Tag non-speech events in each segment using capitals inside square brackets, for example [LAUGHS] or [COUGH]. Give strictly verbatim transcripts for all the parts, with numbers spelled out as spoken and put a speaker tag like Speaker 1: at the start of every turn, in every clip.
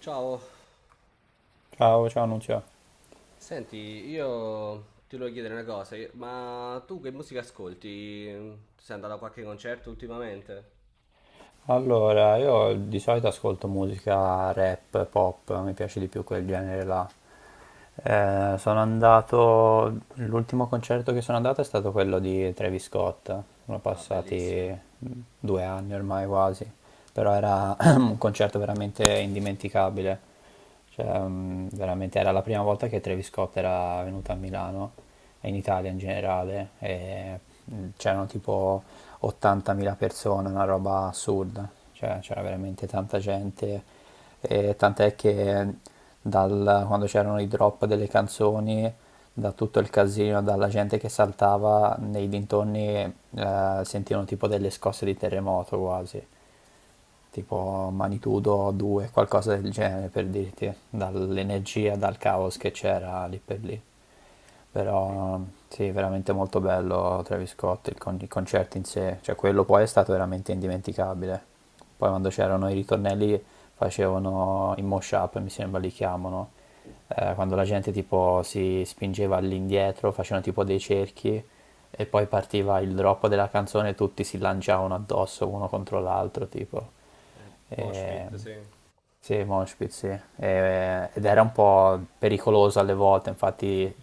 Speaker 1: Ciao,
Speaker 2: Ciao, ciao Nunzio.
Speaker 1: senti, io ti volevo chiedere una cosa, io- ma tu che musica ascolti? Sei andato a qualche concerto ultimamente?
Speaker 2: Allora, io di solito ascolto musica rap, pop, mi piace di più quel genere là. Eh, sono andato, l'ultimo concerto che sono andato è stato quello di Travis Scott, sono
Speaker 1: Ah, bellissimo.
Speaker 2: passati mm, due anni ormai quasi, però era [CLEARS THROAT] un concerto veramente indimenticabile. Cioè, mm, veramente era la prima volta che Travis Scott era venuto a Milano e in Italia in generale. E mm, c'erano tipo ottantamila persone, una roba assurda. Cioè, c'era veramente tanta gente. E tant'è che dal- quando c'erano i drop delle canzoni, da tutto il casino, dalla gente che saltava nei dintorni, eh, sentivano tipo delle scosse di terremoto quasi tipo magnitudo due, qualcosa del genere per dirti, dall'energia, dal caos che c'era lì per lì.
Speaker 1: Sì.
Speaker 2: Però sì, veramente molto bello Travis Scott, il, con- i concerti in sé, cioè quello poi è stato veramente indimenticabile. Poi quando c'erano i ritornelli facevano i mosh up, mi sembra li chiamano, eh, quando la gente tipo si spingeva all'indietro, facevano tipo dei cerchi e poi partiva il drop della canzone e tutti si lanciavano addosso uno contro l'altro, tipo.
Speaker 1: Eh,
Speaker 2: E...
Speaker 1: Moshpit, sì. Eh,
Speaker 2: Sì, mosh pit, sì. E- Ed era un po' pericoloso alle volte, infatti,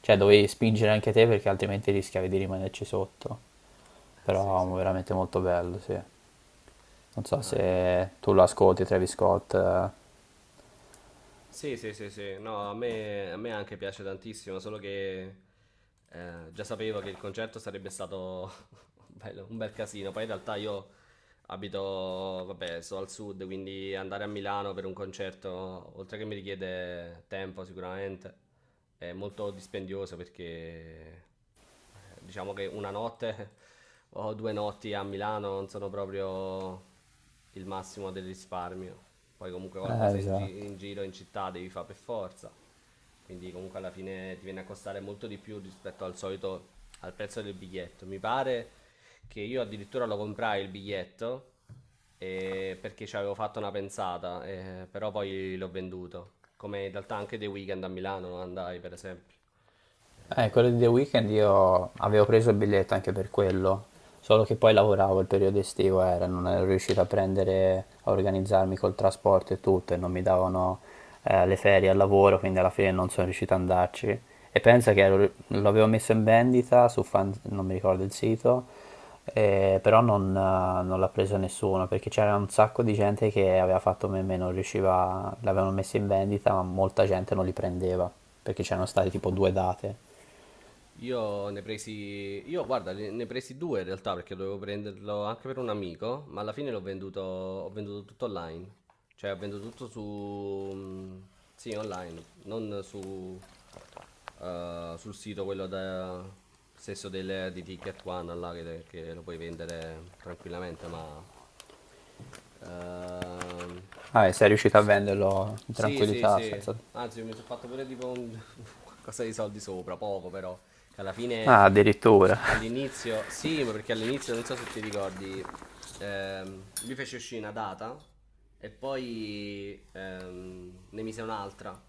Speaker 2: cioè dovevi spingere anche te perché altrimenti rischiavi di rimanerci sotto.
Speaker 1: sì,
Speaker 2: Però
Speaker 1: sì.
Speaker 2: veramente molto bello, sì. Non so
Speaker 1: Ah,
Speaker 2: se tu lo ascolti, Travis Scott. Eh,
Speaker 1: Sì, sì, sì, sì. No, a me, a me anche piace tantissimo, solo che eh, già sapevo che il concerto sarebbe stato [LAUGHS] bello, un bel casino. Poi in realtà io abito, vabbè, sto al sud, quindi andare a Milano per un concerto, oltre che mi richiede tempo sicuramente, è molto dispendioso perché eh, diciamo che una notte [LAUGHS] o due notti a Milano non sono proprio il massimo del risparmio. Poi comunque qualcosa in, gi-
Speaker 2: esatto.
Speaker 1: in giro in città devi fare per forza. Quindi comunque alla fine ti viene a costare molto di più rispetto al solito al prezzo del biglietto. Mi pare che io addirittura lo comprai il biglietto eh, perché ci avevo fatto una pensata, eh, però poi l'ho venduto. Come in realtà anche dei weekend a Milano non andai, per esempio.
Speaker 2: Eh,
Speaker 1: Eh,
Speaker 2: quello di The Weeknd io avevo preso il biglietto anche per quello, solo che poi lavoravo il periodo estivo, era, non ero riuscito a prendere, a organizzarmi col trasporto e tutto, e non mi davano eh, le ferie al lavoro, quindi alla fine non sono riuscito ad andarci. E pensa che ero- l'avevo messo in vendita su fan, non mi ricordo il sito, eh, però non, eh, non l'ha preso nessuno, perché c'era un sacco di gente che aveva fatto meme, non riusciva, l'avevano messo in vendita, ma molta gente non li prendeva, perché c'erano state tipo due date.
Speaker 1: Io ne presi, io guarda, ne ne presi due in realtà perché dovevo prenderlo anche per un amico, ma alla fine l'ho venduto, ho venduto tutto online. Cioè, ho venduto tutto su, mm, sì, online, non su, eh, sul sito quello da, stesso del, di Ticket One là, che, che lo puoi vendere tranquillamente, ma ehm,
Speaker 2: Ah, e sei riuscito a venderlo in
Speaker 1: sì, sì,
Speaker 2: tranquillità senza...
Speaker 1: sì. Anzi, io mi sono fatto pure tipo un [LAUGHS] qualcosa di soldi sopra, poco però, che alla fine
Speaker 2: Ah, addirittura.
Speaker 1: all'inizio, sì, ma perché all'inizio non so se ti ricordi, ehm, lui fece uscire una data e poi ehm, ne mise un'altra.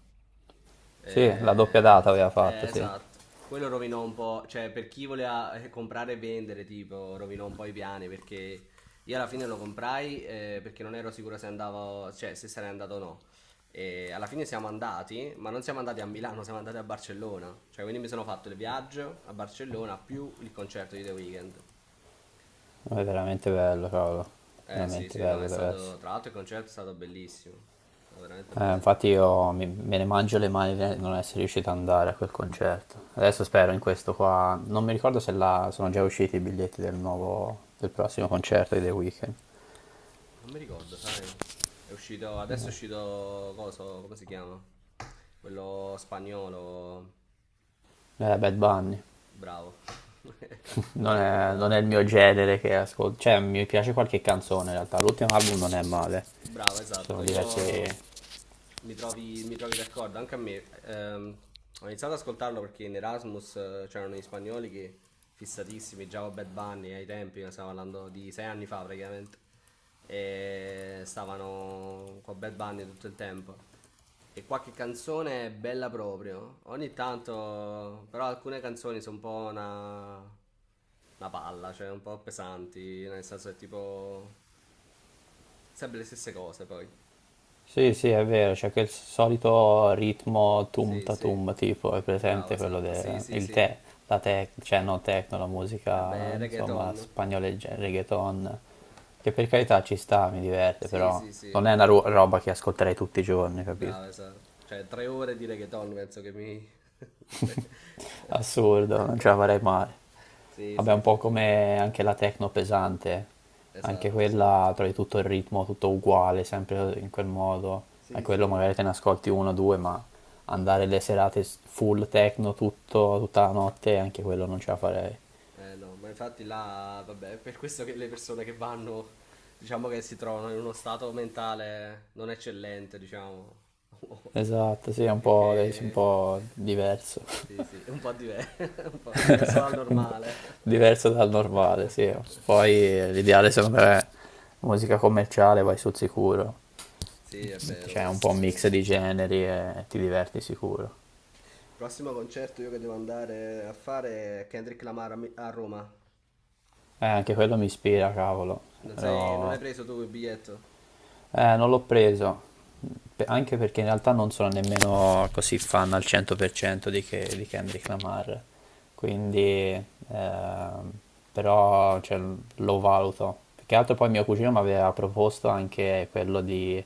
Speaker 2: Sì, la doppia
Speaker 1: Eh,
Speaker 2: data
Speaker 1: s-
Speaker 2: aveva fatto,
Speaker 1: eh,
Speaker 2: sì. Ma
Speaker 1: esatto. Quello rovinò un po', cioè per chi voleva eh, comprare e vendere, tipo, rovinò un po' i piani perché io alla fine lo comprai eh, perché non ero sicuro se andavo, cioè se sarei andato o no. E alla fine siamo andati, ma non siamo andati a Milano, siamo andati a Barcellona. Cioè, quindi mi sono fatto il viaggio a Barcellona più il concerto di The Weeknd.
Speaker 2: è veramente bello, cavolo.
Speaker 1: Eh sì,
Speaker 2: Veramente
Speaker 1: sì, no, è
Speaker 2: bello deve
Speaker 1: stato.
Speaker 2: essere.
Speaker 1: Tra l'altro il concerto è stato bellissimo. È stato veramente
Speaker 2: Eh,
Speaker 1: bello.
Speaker 2: infatti io mi- me ne mangio le mani di non essere riuscito ad andare a quel concerto. Adesso spero in questo qua... Non mi ricordo se la... sono già usciti i biglietti del nuovo... del prossimo concerto di The Weeknd.
Speaker 1: Non mi ricordo, sai? È uscito. Adesso è uscito. Coso, come si chiama? Quello spagnolo.
Speaker 2: Eh, Bad Bunny.
Speaker 1: Bravo. [LAUGHS] Cazzo, non
Speaker 2: Non
Speaker 1: mi
Speaker 2: è, non è
Speaker 1: ricordavo.
Speaker 2: il mio genere che ascolto. Cioè, mi piace qualche canzone in realtà. L'ultimo album non è male.
Speaker 1: Bravo,
Speaker 2: Ci sono
Speaker 1: esatto.
Speaker 2: diverse.
Speaker 1: Io mi trovi, mi trovi d'accordo, anche a me. Ehm, ho iniziato ad ascoltarlo perché in Erasmus eh, c'erano gli spagnoli che fissatissimi già con Bad Bunny ai tempi, stiamo parlando di sei anni fa praticamente, e stavano con Bad Bunny tutto il tempo. E qualche canzone è bella proprio, ogni tanto, però alcune canzoni sono un po' una, una palla, cioè un po' pesanti, nel senso è tipo sempre le stesse cose poi.
Speaker 2: Sì, sì, è vero, c'è quel solito ritmo tum
Speaker 1: Sì,
Speaker 2: ta
Speaker 1: sì,
Speaker 2: tum, tipo, è
Speaker 1: bravo,
Speaker 2: presente quello
Speaker 1: esatto, sì,
Speaker 2: del
Speaker 1: sì,
Speaker 2: il
Speaker 1: sì.
Speaker 2: te, la tec, cioè non techno, la
Speaker 1: [LAUGHS]
Speaker 2: musica,
Speaker 1: Vabbè,
Speaker 2: insomma,
Speaker 1: reggaeton.
Speaker 2: spagnoleggia, reggaeton, che per carità ci sta, mi diverte,
Speaker 1: Sì,
Speaker 2: però
Speaker 1: sì, sì.
Speaker 2: non è una ro- roba che ascolterei tutti i giorni, capito?
Speaker 1: Brava, esatto. Cioè, tre ore di reggaeton penso che mi... [LAUGHS]
Speaker 2: Assurdo, non ce la farei mai.
Speaker 1: Sì,
Speaker 2: Vabbè,
Speaker 1: sì,
Speaker 2: un po'
Speaker 1: sì, sì.
Speaker 2: come anche la techno pesante, anche
Speaker 1: Esatto, sì.
Speaker 2: quella trovi tutto il ritmo, tutto uguale, sempre in quel modo. E
Speaker 1: Sì,
Speaker 2: quello
Speaker 1: sì.
Speaker 2: magari te ne ascolti uno o due, ma andare le serate s- full techno tutto, tutta la notte, anche quello non ce la farei.
Speaker 1: Eh no, ma infatti là, vabbè, è per questo che le persone che vanno, diciamo che si trovano in uno stato mentale non eccellente, diciamo.
Speaker 2: Esatto, sì, è
Speaker 1: [LAUGHS]
Speaker 2: un po', deve essere un
Speaker 1: Perché...
Speaker 2: po' diverso.
Speaker 1: Sì, sì, è un po' diver- [LAUGHS] un po' diverso dal
Speaker 2: [LAUGHS] Un po'
Speaker 1: normale.
Speaker 2: diverso dal normale, sì.
Speaker 1: [LAUGHS]
Speaker 2: Poi eh, l'ideale secondo me è musica commerciale, vai sul sicuro.
Speaker 1: Sì, è vero
Speaker 2: Cioè, un
Speaker 1: questo,
Speaker 2: po' un
Speaker 1: sì.
Speaker 2: mix di generi e ti diverti sicuro.
Speaker 1: Prossimo concerto io che devo andare a fare è Kendrick Lamar a, Mi- a Roma.
Speaker 2: Eh, anche quello mi ispira, cavolo.
Speaker 1: Non, sei- non hai
Speaker 2: Lo-
Speaker 1: preso tu il biglietto?
Speaker 2: eh, non l'ho preso, Pe- anche perché in realtà non sono nemmeno così fan al cento per cento di, che- di Kendrick Lamar. Quindi, ehm, però, cioè, lo valuto. Più che altro poi mio cugino mi aveva proposto anche quello di,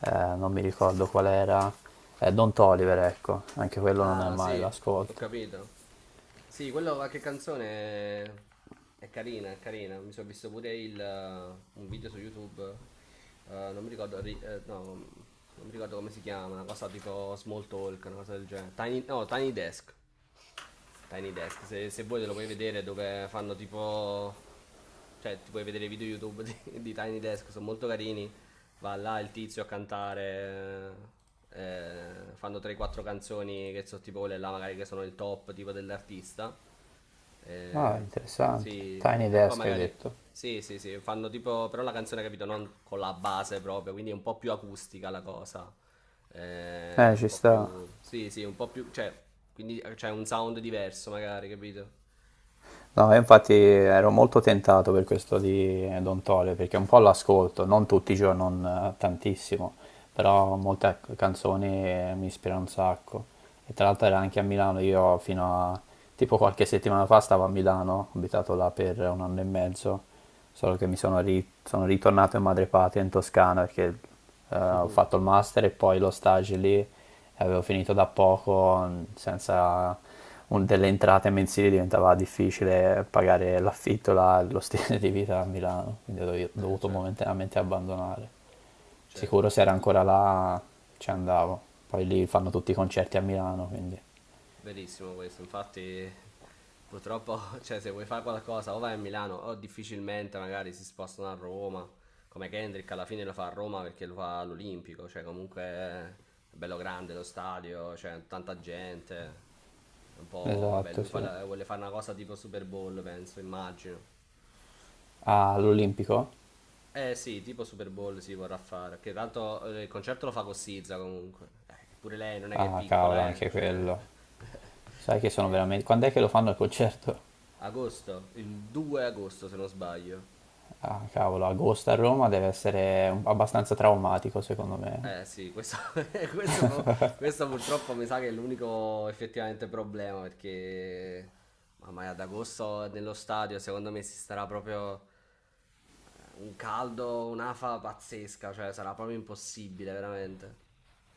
Speaker 2: eh, non mi ricordo qual era, eh, Don Toliver, ecco. Anche quello non è
Speaker 1: Ah,
Speaker 2: male
Speaker 1: sì, ho
Speaker 2: l'ascolto.
Speaker 1: capito. Sì, quello qualche canzone è, è carina, è carina. Mi sono visto pure il, eh, un video su YouTube. eh, non mi ricordo, ri- eh, no, non mi ricordo come si chiama, una cosa tipo Small Talk, una cosa del genere. Tiny, no, Tiny Desk. Tiny Desk, se, se vuoi te lo puoi vedere dove fanno tipo... Cioè, ti puoi vedere i video YouTube [LAUGHS] di, di Tiny Desk, sono molto carini. Va là il tizio a cantare. eh, eh, fanno tre quattro canzoni che sono tipo quelle là, magari che sono il top tipo dell'artista.
Speaker 2: Ah,
Speaker 1: Eh,
Speaker 2: interessante.
Speaker 1: sì,
Speaker 2: Tiny
Speaker 1: e poi
Speaker 2: Desk hai
Speaker 1: magari.
Speaker 2: detto.
Speaker 1: Sì, sì, sì, fanno tipo. Però la canzone, capito, non con la base proprio, quindi è un po' più acustica la cosa. Eh,
Speaker 2: Eh,
Speaker 1: un
Speaker 2: ci
Speaker 1: po'
Speaker 2: sta.
Speaker 1: più. Sì, sì, un po' più. Cioè, quindi c'è un sound diverso, magari, capito?
Speaker 2: No, io infatti ero molto tentato per questo di Don Tole, perché un po' l'ascolto, non tutti i giorni, non eh, tantissimo, però molte ac- canzoni eh, mi ispirano un sacco. E tra l'altro era anche a Milano, io fino a tipo qualche settimana fa stavo a Milano, ho abitato là per un anno e mezzo, solo che mi sono, ri- sono ritornato in madrepatria in Toscana perché eh, ho fatto il master e poi lo stage lì e avevo finito da poco, mh, senza un- delle entrate mensili diventava difficile pagare l'affitto, la- lo stile di vita a Milano, quindi ho dovi-
Speaker 1: Eh,
Speaker 2: dovuto
Speaker 1: certo,
Speaker 2: momentaneamente abbandonare.
Speaker 1: certo,
Speaker 2: Sicuro se era
Speaker 1: certo.
Speaker 2: ancora là ci andavo, poi lì fanno tutti i concerti a Milano, quindi...
Speaker 1: Verissimo questo, infatti purtroppo, [LAUGHS] cioè, se vuoi fare qualcosa o vai a Milano o difficilmente magari si spostano a Roma, come Kendrick alla fine lo fa a Roma perché lo fa all'Olimpico, cioè comunque è bello grande lo stadio, c'è tanta gente, è un po', vabbè,
Speaker 2: Esatto,
Speaker 1: lui fa
Speaker 2: sì.
Speaker 1: la- vuole fare una cosa tipo Super Bowl, penso, immagino.
Speaker 2: Ah, all'Olimpico?
Speaker 1: Eh sì, tipo Super Bowl si vorrà fare, che tanto eh, il concerto lo fa con Sizza comunque, Eh, che pure lei non è che è
Speaker 2: Ah, cavolo,
Speaker 1: piccola, eh,
Speaker 2: anche
Speaker 1: cioè...
Speaker 2: quello.
Speaker 1: [LAUGHS]
Speaker 2: Sai che sono
Speaker 1: Sì, sì.
Speaker 2: veramente... Quando è che lo fanno il concerto?
Speaker 1: Agosto, il due agosto se non sbaglio.
Speaker 2: Ah, cavolo, agosto a Roma deve essere un- abbastanza traumatico, secondo me.
Speaker 1: Eh sì, questo, [LAUGHS] questo fu- questo purtroppo mi sa che è l'unico effettivamente problema perché mamma mia, ad agosto nello stadio secondo me si starà proprio eh, un caldo, un'afa pazzesca, cioè sarà proprio impossibile veramente.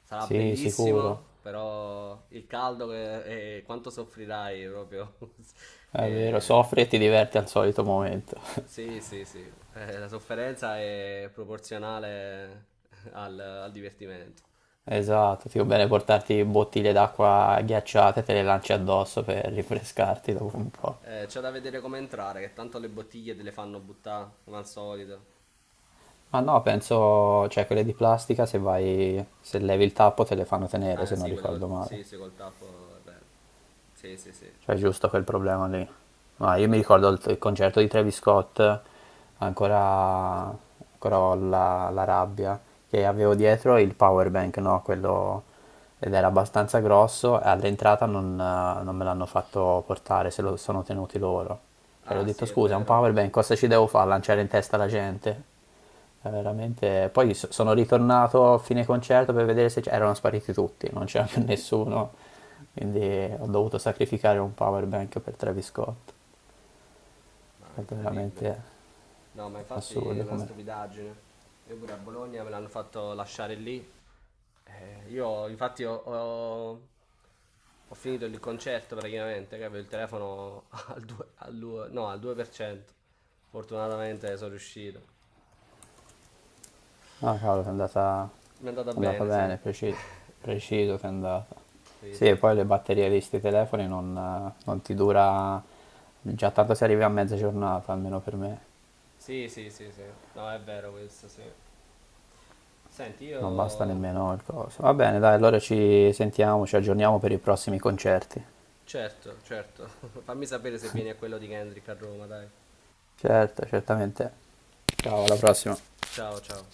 Speaker 1: Sarà
Speaker 2: Sì, sicuro.
Speaker 1: bellissimo, però il caldo che- e quanto soffrirai proprio [LAUGHS]
Speaker 2: È vero,
Speaker 1: eh,
Speaker 2: soffri e ti diverti al solito momento. [LAUGHS]
Speaker 1: Sì, sì, sì. Eh, la sofferenza è proporzionale al, al divertimento.
Speaker 2: Esatto, ti va bene portarti bottiglie d'acqua ghiacciate, te le lanci addosso per rinfrescarti dopo un po'.
Speaker 1: Eh, c'è da vedere come entrare, che tanto le bottiglie te le fanno buttare, come al solito.
Speaker 2: Ma no, penso, cioè quelle di plastica, se vai, se levi il tappo te le fanno tenere,
Speaker 1: Ah,
Speaker 2: se non
Speaker 1: sì, quella
Speaker 2: ricordo
Speaker 1: col,
Speaker 2: male.
Speaker 1: sì, sì, col tappo, è vero. Sì, sì, sì.
Speaker 2: Cioè, è giusto quel problema lì. No, io mi
Speaker 1: Vabbè.
Speaker 2: ricordo il, il concerto di Travis Scott, ancora, ancora ho la, la rabbia, che avevo dietro il power bank, no? Quello, ed era abbastanza grosso, e all'entrata non, eh, non me l'hanno fatto portare, se lo sono tenuti loro. Cioè, gli ho
Speaker 1: Ah, sì,
Speaker 2: detto,
Speaker 1: è
Speaker 2: scusa, è un
Speaker 1: vero.
Speaker 2: power bank, cosa ci devo fare? Lanciare in testa la gente? È veramente... Poi so- sono ritornato a fine concerto per vedere se c- erano spariti tutti, non c'era più nessuno, quindi ho dovuto sacrificare un power bank per Travis Scott.
Speaker 1: Ma
Speaker 2: È stato
Speaker 1: incredibile.
Speaker 2: veramente
Speaker 1: No, ma infatti è
Speaker 2: assurdo
Speaker 1: una
Speaker 2: come...
Speaker 1: stupidaggine. Io pure a Bologna me l'hanno fatto lasciare lì. Eh, io infatti ho, ho- ho finito il concerto praticamente, che avevo il telefono [LAUGHS] al due, al due, no, al due per cento. Fortunatamente sono riuscito.
Speaker 2: Ah, cavolo, ti è andata...
Speaker 1: Mi è andata
Speaker 2: è andata
Speaker 1: bene, sì.
Speaker 2: bene, preciso,
Speaker 1: [LAUGHS]
Speaker 2: preciso ti è andata.
Speaker 1: Sì,
Speaker 2: Sì, e
Speaker 1: sì, sì.
Speaker 2: poi le batterie di sti telefoni non, non ti dura... Già tanto si arriva a mezza giornata, almeno per me.
Speaker 1: Sì, sì, sì, sì. No, è vero questo, sì. Senti,
Speaker 2: Non basta
Speaker 1: io.
Speaker 2: nemmeno il coso. Va bene, dai, allora ci sentiamo, ci aggiorniamo per i prossimi concerti.
Speaker 1: Certo, certo. [LAUGHS] Fammi sapere se vieni a quello di Kendrick a Roma, dai.
Speaker 2: Certo, certamente. Ciao, alla prossima.
Speaker 1: Ciao, ciao.